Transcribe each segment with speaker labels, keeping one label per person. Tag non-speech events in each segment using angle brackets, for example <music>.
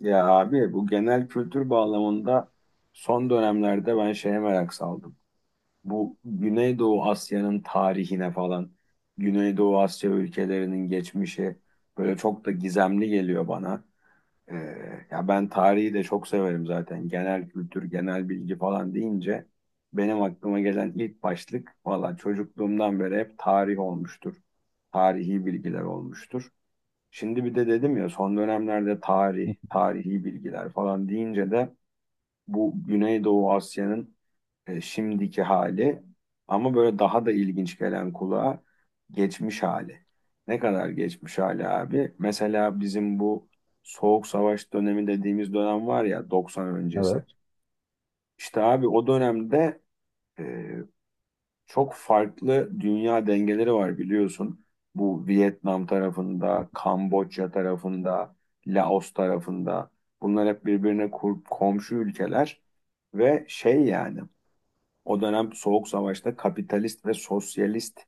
Speaker 1: Ya abi bu genel kültür bağlamında son dönemlerde ben şeye merak saldım. Bu Güneydoğu Asya'nın tarihine falan, Güneydoğu Asya ülkelerinin geçmişi böyle çok da gizemli geliyor bana. Ee, Ya ben tarihi de çok severim zaten. Genel kültür, genel bilgi falan deyince benim aklıma gelen ilk başlık valla çocukluğumdan beri hep tarih olmuştur. Tarihi bilgiler olmuştur. Şimdi bir de dedim ya son dönemlerde
Speaker 2: Hı
Speaker 1: tarih,
Speaker 2: hı.
Speaker 1: tarihi bilgiler falan deyince de bu Güneydoğu Asya'nın şimdiki hali ama böyle daha da ilginç gelen kulağa geçmiş hali. Ne kadar geçmiş hali abi? Mesela bizim bu Soğuk Savaş dönemi dediğimiz dönem var ya 90
Speaker 2: Evet,
Speaker 1: öncesi. İşte abi o dönemde e, çok farklı dünya dengeleri var biliyorsun. Bu Vietnam tarafında, Kamboçya tarafında, Laos tarafında. Bunlar hep birbirine komşu ülkeler ve şey yani o dönem Soğuk Savaş'ta kapitalist ve sosyalist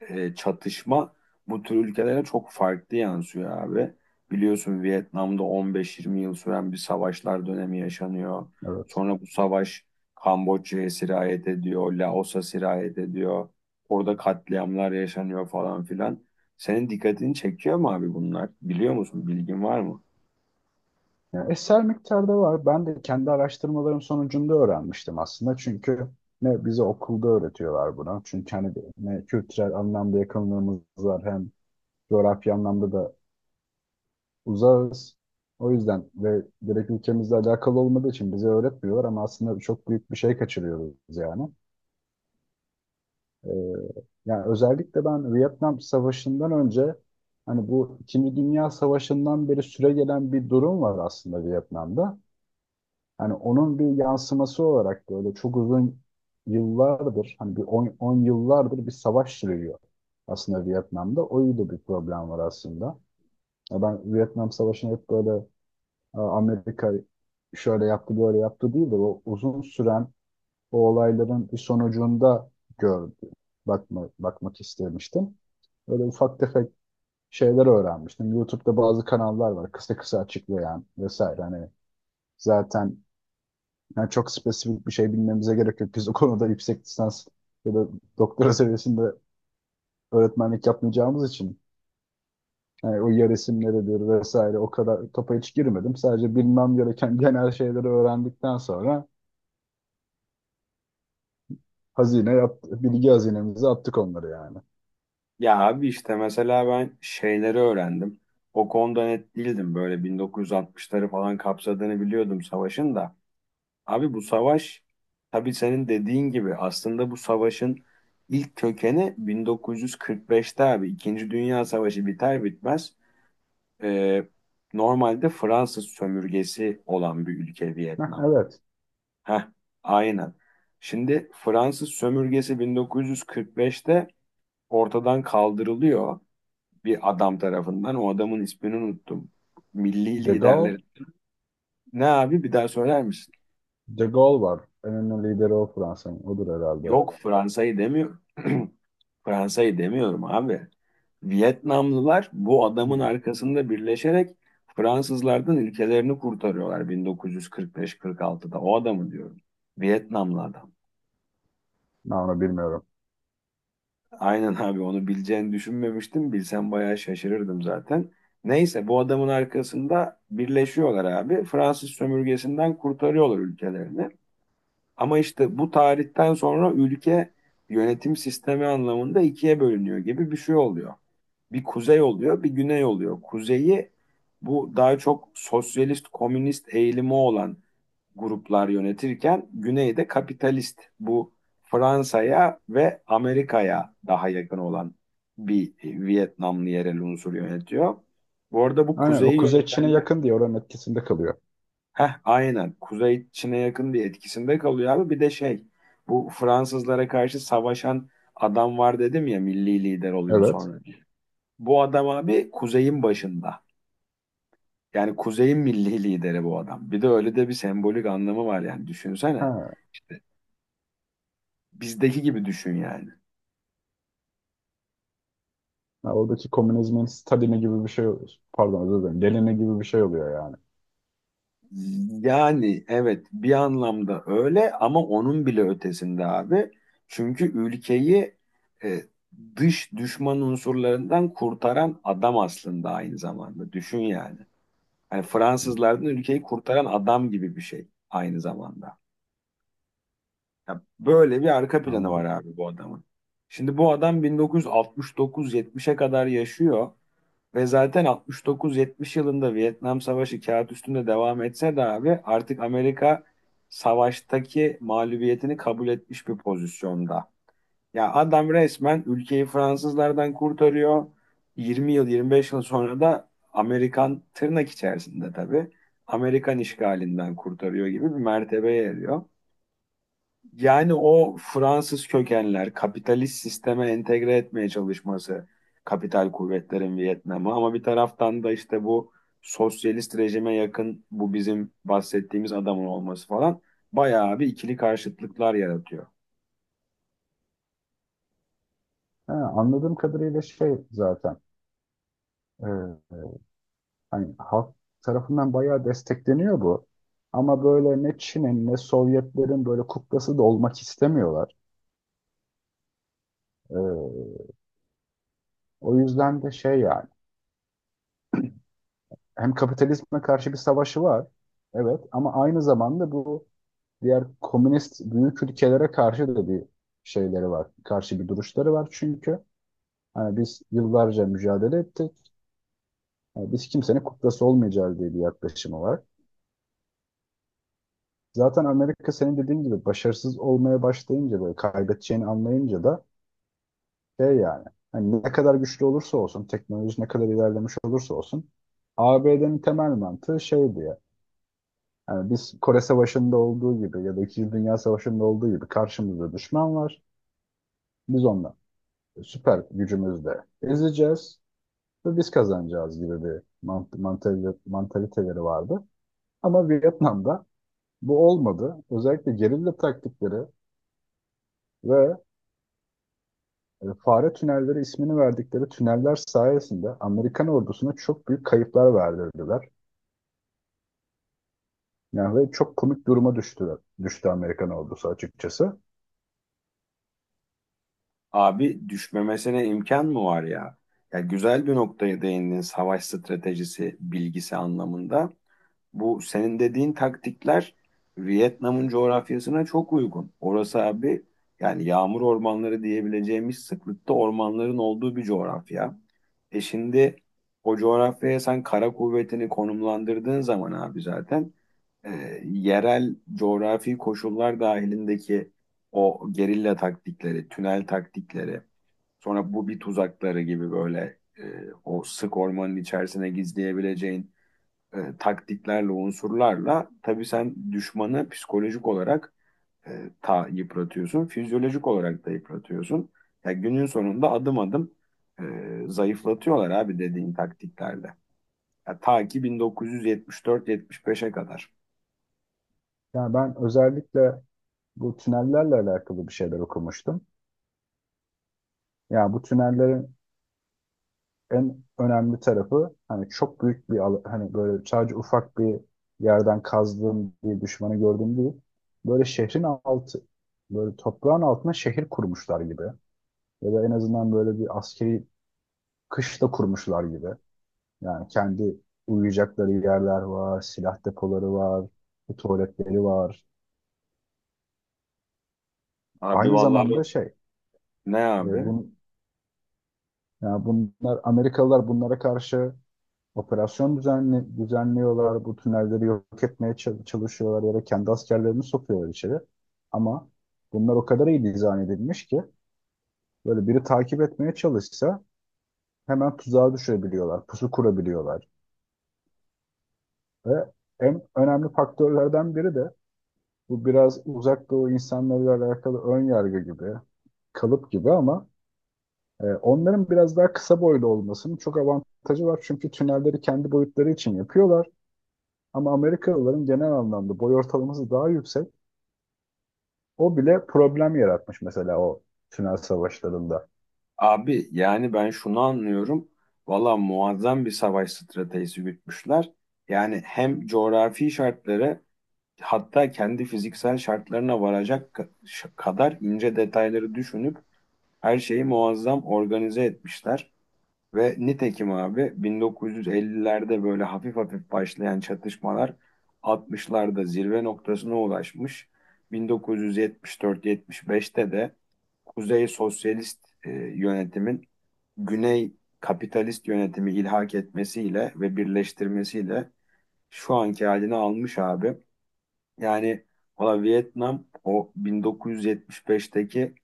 Speaker 1: çatışma bu tür ülkelere çok farklı yansıyor abi. Biliyorsun Vietnam'da 15-20 yıl süren bir savaşlar dönemi yaşanıyor.
Speaker 2: evet.
Speaker 1: Sonra bu savaş Kamboçya'ya sirayet ediyor, Laos'a sirayet ediyor. Orada katliamlar yaşanıyor falan filan. Senin dikkatini çekiyor mu abi bunlar? Biliyor musun? Bilgin var mı?
Speaker 2: Yani eser miktarda var. Ben de kendi araştırmalarım sonucunda öğrenmiştim aslında. Çünkü ne bize okulda öğretiyorlar bunu. Çünkü hani ne kültürel anlamda yakınlığımız var hem coğrafya anlamda da uzağız. O yüzden ve direkt ülkemizle alakalı olmadığı için bize öğretmiyorlar ama aslında çok büyük bir şey kaçırıyoruz yani. Ee, Yani özellikle ben Vietnam Savaşı'ndan önce hani bu İkinci Dünya Savaşı'ndan beri süre gelen bir durum var aslında Vietnam'da. Hani onun bir yansıması olarak böyle çok uzun yıllardır, hani bir 10 yıllardır bir savaş sürüyor aslında Vietnam'da. O da bir problem var aslında. Ya ben Vietnam Savaşı'nı hep böyle "Aa, Amerika şöyle yaptı böyle yaptı" değil de o uzun süren o olayların bir sonucunda gördüm. Bakmak istemiştim. Böyle ufak tefek şeyler öğrenmiştim. YouTube'da bazı kanallar var kısa kısa açıklayan vesaire. Hani zaten yani çok spesifik bir şey bilmemize gerek yok. Biz o konuda yüksek lisans ya da doktora seviyesinde öğretmenlik yapmayacağımız için yani o yer isimleridir vesaire o kadar topa hiç girmedim. Sadece bilmem gereken genel şeyleri öğrendikten sonra hazine yaptı, bilgi hazinemize attık onları yani.
Speaker 1: Ya abi işte mesela ben şeyleri öğrendim. O konuda net değildim. Böyle 1960'ları falan kapsadığını biliyordum savaşın da. Abi bu savaş tabii senin dediğin gibi aslında bu savaşın ilk kökeni 1945'te abi İkinci Dünya Savaşı biter bitmez, e, normalde Fransız sömürgesi olan bir ülke
Speaker 2: Heh,
Speaker 1: Vietnam.
Speaker 2: evet.
Speaker 1: Heh, aynen. Şimdi Fransız sömürgesi 1945'te ortadan kaldırılıyor bir adam tarafından. O adamın ismini unuttum. Milli
Speaker 2: De Gaulle,
Speaker 1: liderler. Ne abi bir daha söyler misin?
Speaker 2: De Gaulle var. En önemli lideri o Fransa'nın. Odur herhalde.
Speaker 1: Yok Fransa'yı demiyorum. <clears throat> Fransa'yı demiyorum abi. Vietnamlılar bu adamın
Speaker 2: Hmm.
Speaker 1: arkasında birleşerek Fransızlardan ülkelerini kurtarıyorlar 1945-46'da. O adamı diyorum. Vietnamlı adam.
Speaker 2: Ben onu bilmiyorum.
Speaker 1: Aynen abi, onu bileceğini düşünmemiştim. Bilsem bayağı şaşırırdım zaten. Neyse bu adamın arkasında birleşiyorlar abi. Fransız sömürgesinden kurtarıyorlar ülkelerini. Ama işte bu tarihten sonra ülke yönetim sistemi anlamında ikiye bölünüyor gibi bir şey oluyor. Bir kuzey oluyor, bir güney oluyor. Kuzeyi bu daha çok sosyalist, komünist eğilimi olan gruplar yönetirken güneyde kapitalist, bu Fransa'ya ve Amerika'ya daha yakın olan bir Vietnamlı yerel unsur yönetiyor. Bu arada bu
Speaker 2: Aynen, o
Speaker 1: kuzeyi
Speaker 2: Kuzey Çin'e
Speaker 1: yönetenler.
Speaker 2: yakın diye oranın etkisinde kalıyor.
Speaker 1: Heh, aynen. Kuzey Çin'e yakın diye etkisinde kalıyor abi. Bir de şey, bu Fransızlara karşı savaşan adam var dedim ya, milli lider oluyor
Speaker 2: Evet.
Speaker 1: sonra. Bu adam abi kuzeyin başında. Yani kuzeyin milli lideri bu adam. Bir de öyle de bir sembolik anlamı var yani düşünsene.
Speaker 2: Ha.
Speaker 1: İşte bizdeki gibi düşün yani.
Speaker 2: Ya oradaki komünizmin stadyumu gibi bir şey oluyor. Pardon, özür dilerim. Gelini gibi bir şey oluyor yani.
Speaker 1: Yani evet bir anlamda öyle ama onun bile ötesinde abi. Çünkü ülkeyi, e, dış düşman unsurlarından kurtaran adam aslında aynı zamanda. Düşün yani. Hani
Speaker 2: Hı.
Speaker 1: Fransızlardan ülkeyi kurtaran adam gibi bir şey aynı zamanda. Ya böyle bir arka planı var
Speaker 2: Anladım.
Speaker 1: abi bu adamın. Şimdi bu adam 1969-70'e kadar yaşıyor. Ve zaten 69-70 yılında Vietnam Savaşı kağıt üstünde devam etse de abi artık Amerika savaştaki mağlubiyetini kabul etmiş bir pozisyonda. Ya adam resmen ülkeyi Fransızlardan kurtarıyor. 20 yıl 25 yıl sonra da Amerikan, tırnak içerisinde tabii, Amerikan işgalinden kurtarıyor gibi bir mertebeye eriyor. Yani o Fransız kökenler kapitalist sisteme entegre etmeye çalışması, kapital kuvvetlerin Vietnam'ı, ama bir taraftan da işte bu sosyalist rejime yakın bu bizim bahsettiğimiz adamın olması falan bayağı bir ikili karşıtlıklar yaratıyor.
Speaker 2: He, anladığım kadarıyla şey zaten e, e, hani halk tarafından bayağı destekleniyor bu. Ama böyle ne Çin'in ne Sovyetlerin böyle kuklası da olmak istemiyorlar. E, O yüzden de şey yani hem kapitalizme karşı bir savaşı var. Evet, ama aynı zamanda bu diğer komünist büyük ülkelere karşı da bir şeyleri var. Karşı bir duruşları var çünkü. Hani biz yıllarca mücadele ettik. Hani biz kimsenin kuklası olmayacağız diye bir yaklaşımı var. Zaten Amerika senin dediğin gibi başarısız olmaya başlayınca, böyle kaybedeceğini anlayınca da şey yani hani ne kadar güçlü olursa olsun, teknoloji ne kadar ilerlemiş olursa olsun ABD'nin temel mantığı şeydi ya. Yani biz Kore Savaşı'nda olduğu gibi ya da İkinci Dünya Savaşı'nda olduğu gibi karşımızda düşman var. Biz onunla süper gücümüzle ezeceğiz ve biz kazanacağız gibi bir mantaliteleri vardı. Ama Vietnam'da bu olmadı. Özellikle gerilla taktikleri ve fare tünelleri ismini verdikleri tüneller sayesinde Amerikan ordusuna çok büyük kayıplar verdirdiler. Yani ve çok komik duruma düştüler. Düştü Amerikan ordusu açıkçası.
Speaker 1: Abi düşmemesine imkan mı var ya? Ya güzel bir noktaya değindin savaş stratejisi bilgisi anlamında. Bu senin dediğin taktikler Vietnam'ın coğrafyasına çok uygun. Orası abi yani yağmur ormanları diyebileceğimiz sıklıkta ormanların olduğu bir coğrafya. E şimdi o coğrafyaya sen kara kuvvetini konumlandırdığın zaman abi zaten, e, yerel coğrafi koşullar dahilindeki o gerilla taktikleri, tünel taktikleri, sonra bu bir tuzakları gibi böyle, o sık ormanın içerisine gizleyebileceğin taktiklerle, unsurlarla tabii sen düşmanı psikolojik olarak, ta yıpratıyorsun, fizyolojik olarak da yıpratıyorsun. Ya günün sonunda adım adım, e, zayıflatıyorlar abi dediğin taktiklerle. Ya ta ki 1974-75'e kadar.
Speaker 2: Yani ben özellikle bu tünellerle alakalı bir şeyler okumuştum. Yani bu tünellerin en önemli tarafı hani çok büyük hani böyle sadece ufak bir yerden kazdığım bir düşmanı gördüğüm değil. Böyle şehrin altı, böyle toprağın altına şehir kurmuşlar gibi. Ya da en azından böyle bir askeri kışla kurmuşlar gibi. Yani kendi uyuyacakları yerler var, silah depoları var, tuvaletleri var.
Speaker 1: Abi
Speaker 2: Aynı
Speaker 1: vallahi
Speaker 2: zamanda şey,
Speaker 1: ne
Speaker 2: e,
Speaker 1: abi?
Speaker 2: bun, yani bunlar, Amerikalılar bunlara karşı operasyon düzenliyorlar, bu tünelleri yok etmeye çalışıyorlar ya da kendi askerlerini sokuyorlar içeri. Ama bunlar o kadar iyi dizayn edilmiş ki böyle biri takip etmeye çalışsa hemen tuzağa düşebiliyorlar, pusu kurabiliyorlar. Ve en önemli faktörlerden biri de bu biraz uzak doğu insanlarıyla alakalı ön yargı gibi, kalıp gibi ama onların biraz daha kısa boylu olmasının çok avantajı var. Çünkü tünelleri kendi boyutları için yapıyorlar. Ama Amerikalıların genel anlamda boy ortalaması daha yüksek. O bile problem yaratmış mesela o tünel savaşlarında.
Speaker 1: Abi yani ben şunu anlıyorum. Valla muazzam bir savaş stratejisi gütmüşler. Yani hem coğrafi şartları, hatta kendi fiziksel şartlarına varacak kadar ince detayları düşünüp her şeyi muazzam organize etmişler. Ve nitekim abi 1950'lerde böyle hafif hafif başlayan çatışmalar 60'larda zirve noktasına ulaşmış. 1974-75'te de Kuzey Sosyalist yönetimin Güney Kapitalist yönetimi ilhak etmesiyle ve birleştirmesiyle şu anki halini almış abi. Yani valla Vietnam o 1975'teki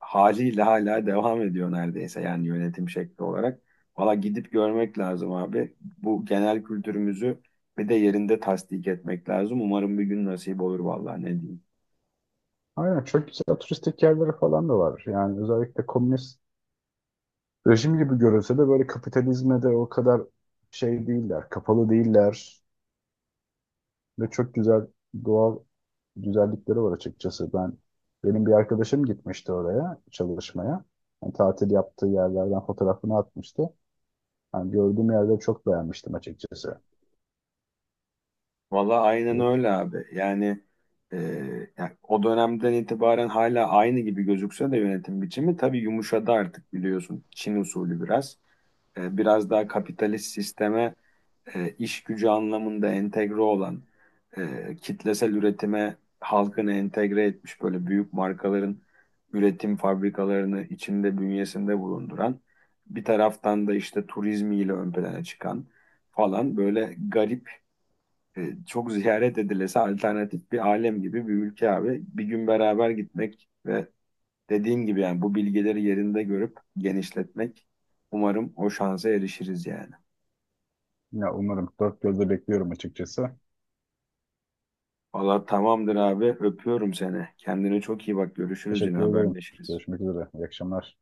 Speaker 1: haliyle hala devam ediyor neredeyse yani yönetim şekli olarak. Valla gidip görmek lazım abi. Bu genel kültürümüzü bir de yerinde tasdik etmek lazım. Umarım bir gün nasip olur valla ne diyeyim.
Speaker 2: Aynen, çok güzel turistik yerleri falan da var. Yani özellikle komünist rejim gibi görülse de böyle kapitalizme de o kadar şey değiller, kapalı değiller ve çok güzel doğal güzellikleri var açıkçası. Benim bir arkadaşım gitmişti oraya çalışmaya. Yani tatil yaptığı yerlerden fotoğrafını atmıştı. Yani gördüğüm yerde çok beğenmiştim açıkçası.
Speaker 1: Valla aynen öyle abi. E, yani, o dönemden itibaren hala aynı gibi gözükse de yönetim biçimi tabii yumuşadı artık biliyorsun. Çin usulü biraz. Biraz daha kapitalist sisteme, iş gücü anlamında entegre olan, kitlesel üretime halkını entegre etmiş böyle büyük markaların üretim fabrikalarını içinde bünyesinde bulunduran, bir taraftan da işte turizmiyle ön plana çıkan falan böyle garip, çok ziyaret edilesi alternatif bir alem gibi bir ülke abi. Bir gün beraber gitmek ve dediğim gibi yani bu bilgileri yerinde görüp genişletmek, umarım o şansa erişiriz yani.
Speaker 2: Ya umarım. Dört gözle bekliyorum açıkçası.
Speaker 1: Valla tamamdır abi. Öpüyorum seni. Kendine çok iyi bak. Görüşürüz yine
Speaker 2: Teşekkür ederim.
Speaker 1: haberleşiriz.
Speaker 2: Görüşmek üzere. İyi akşamlar.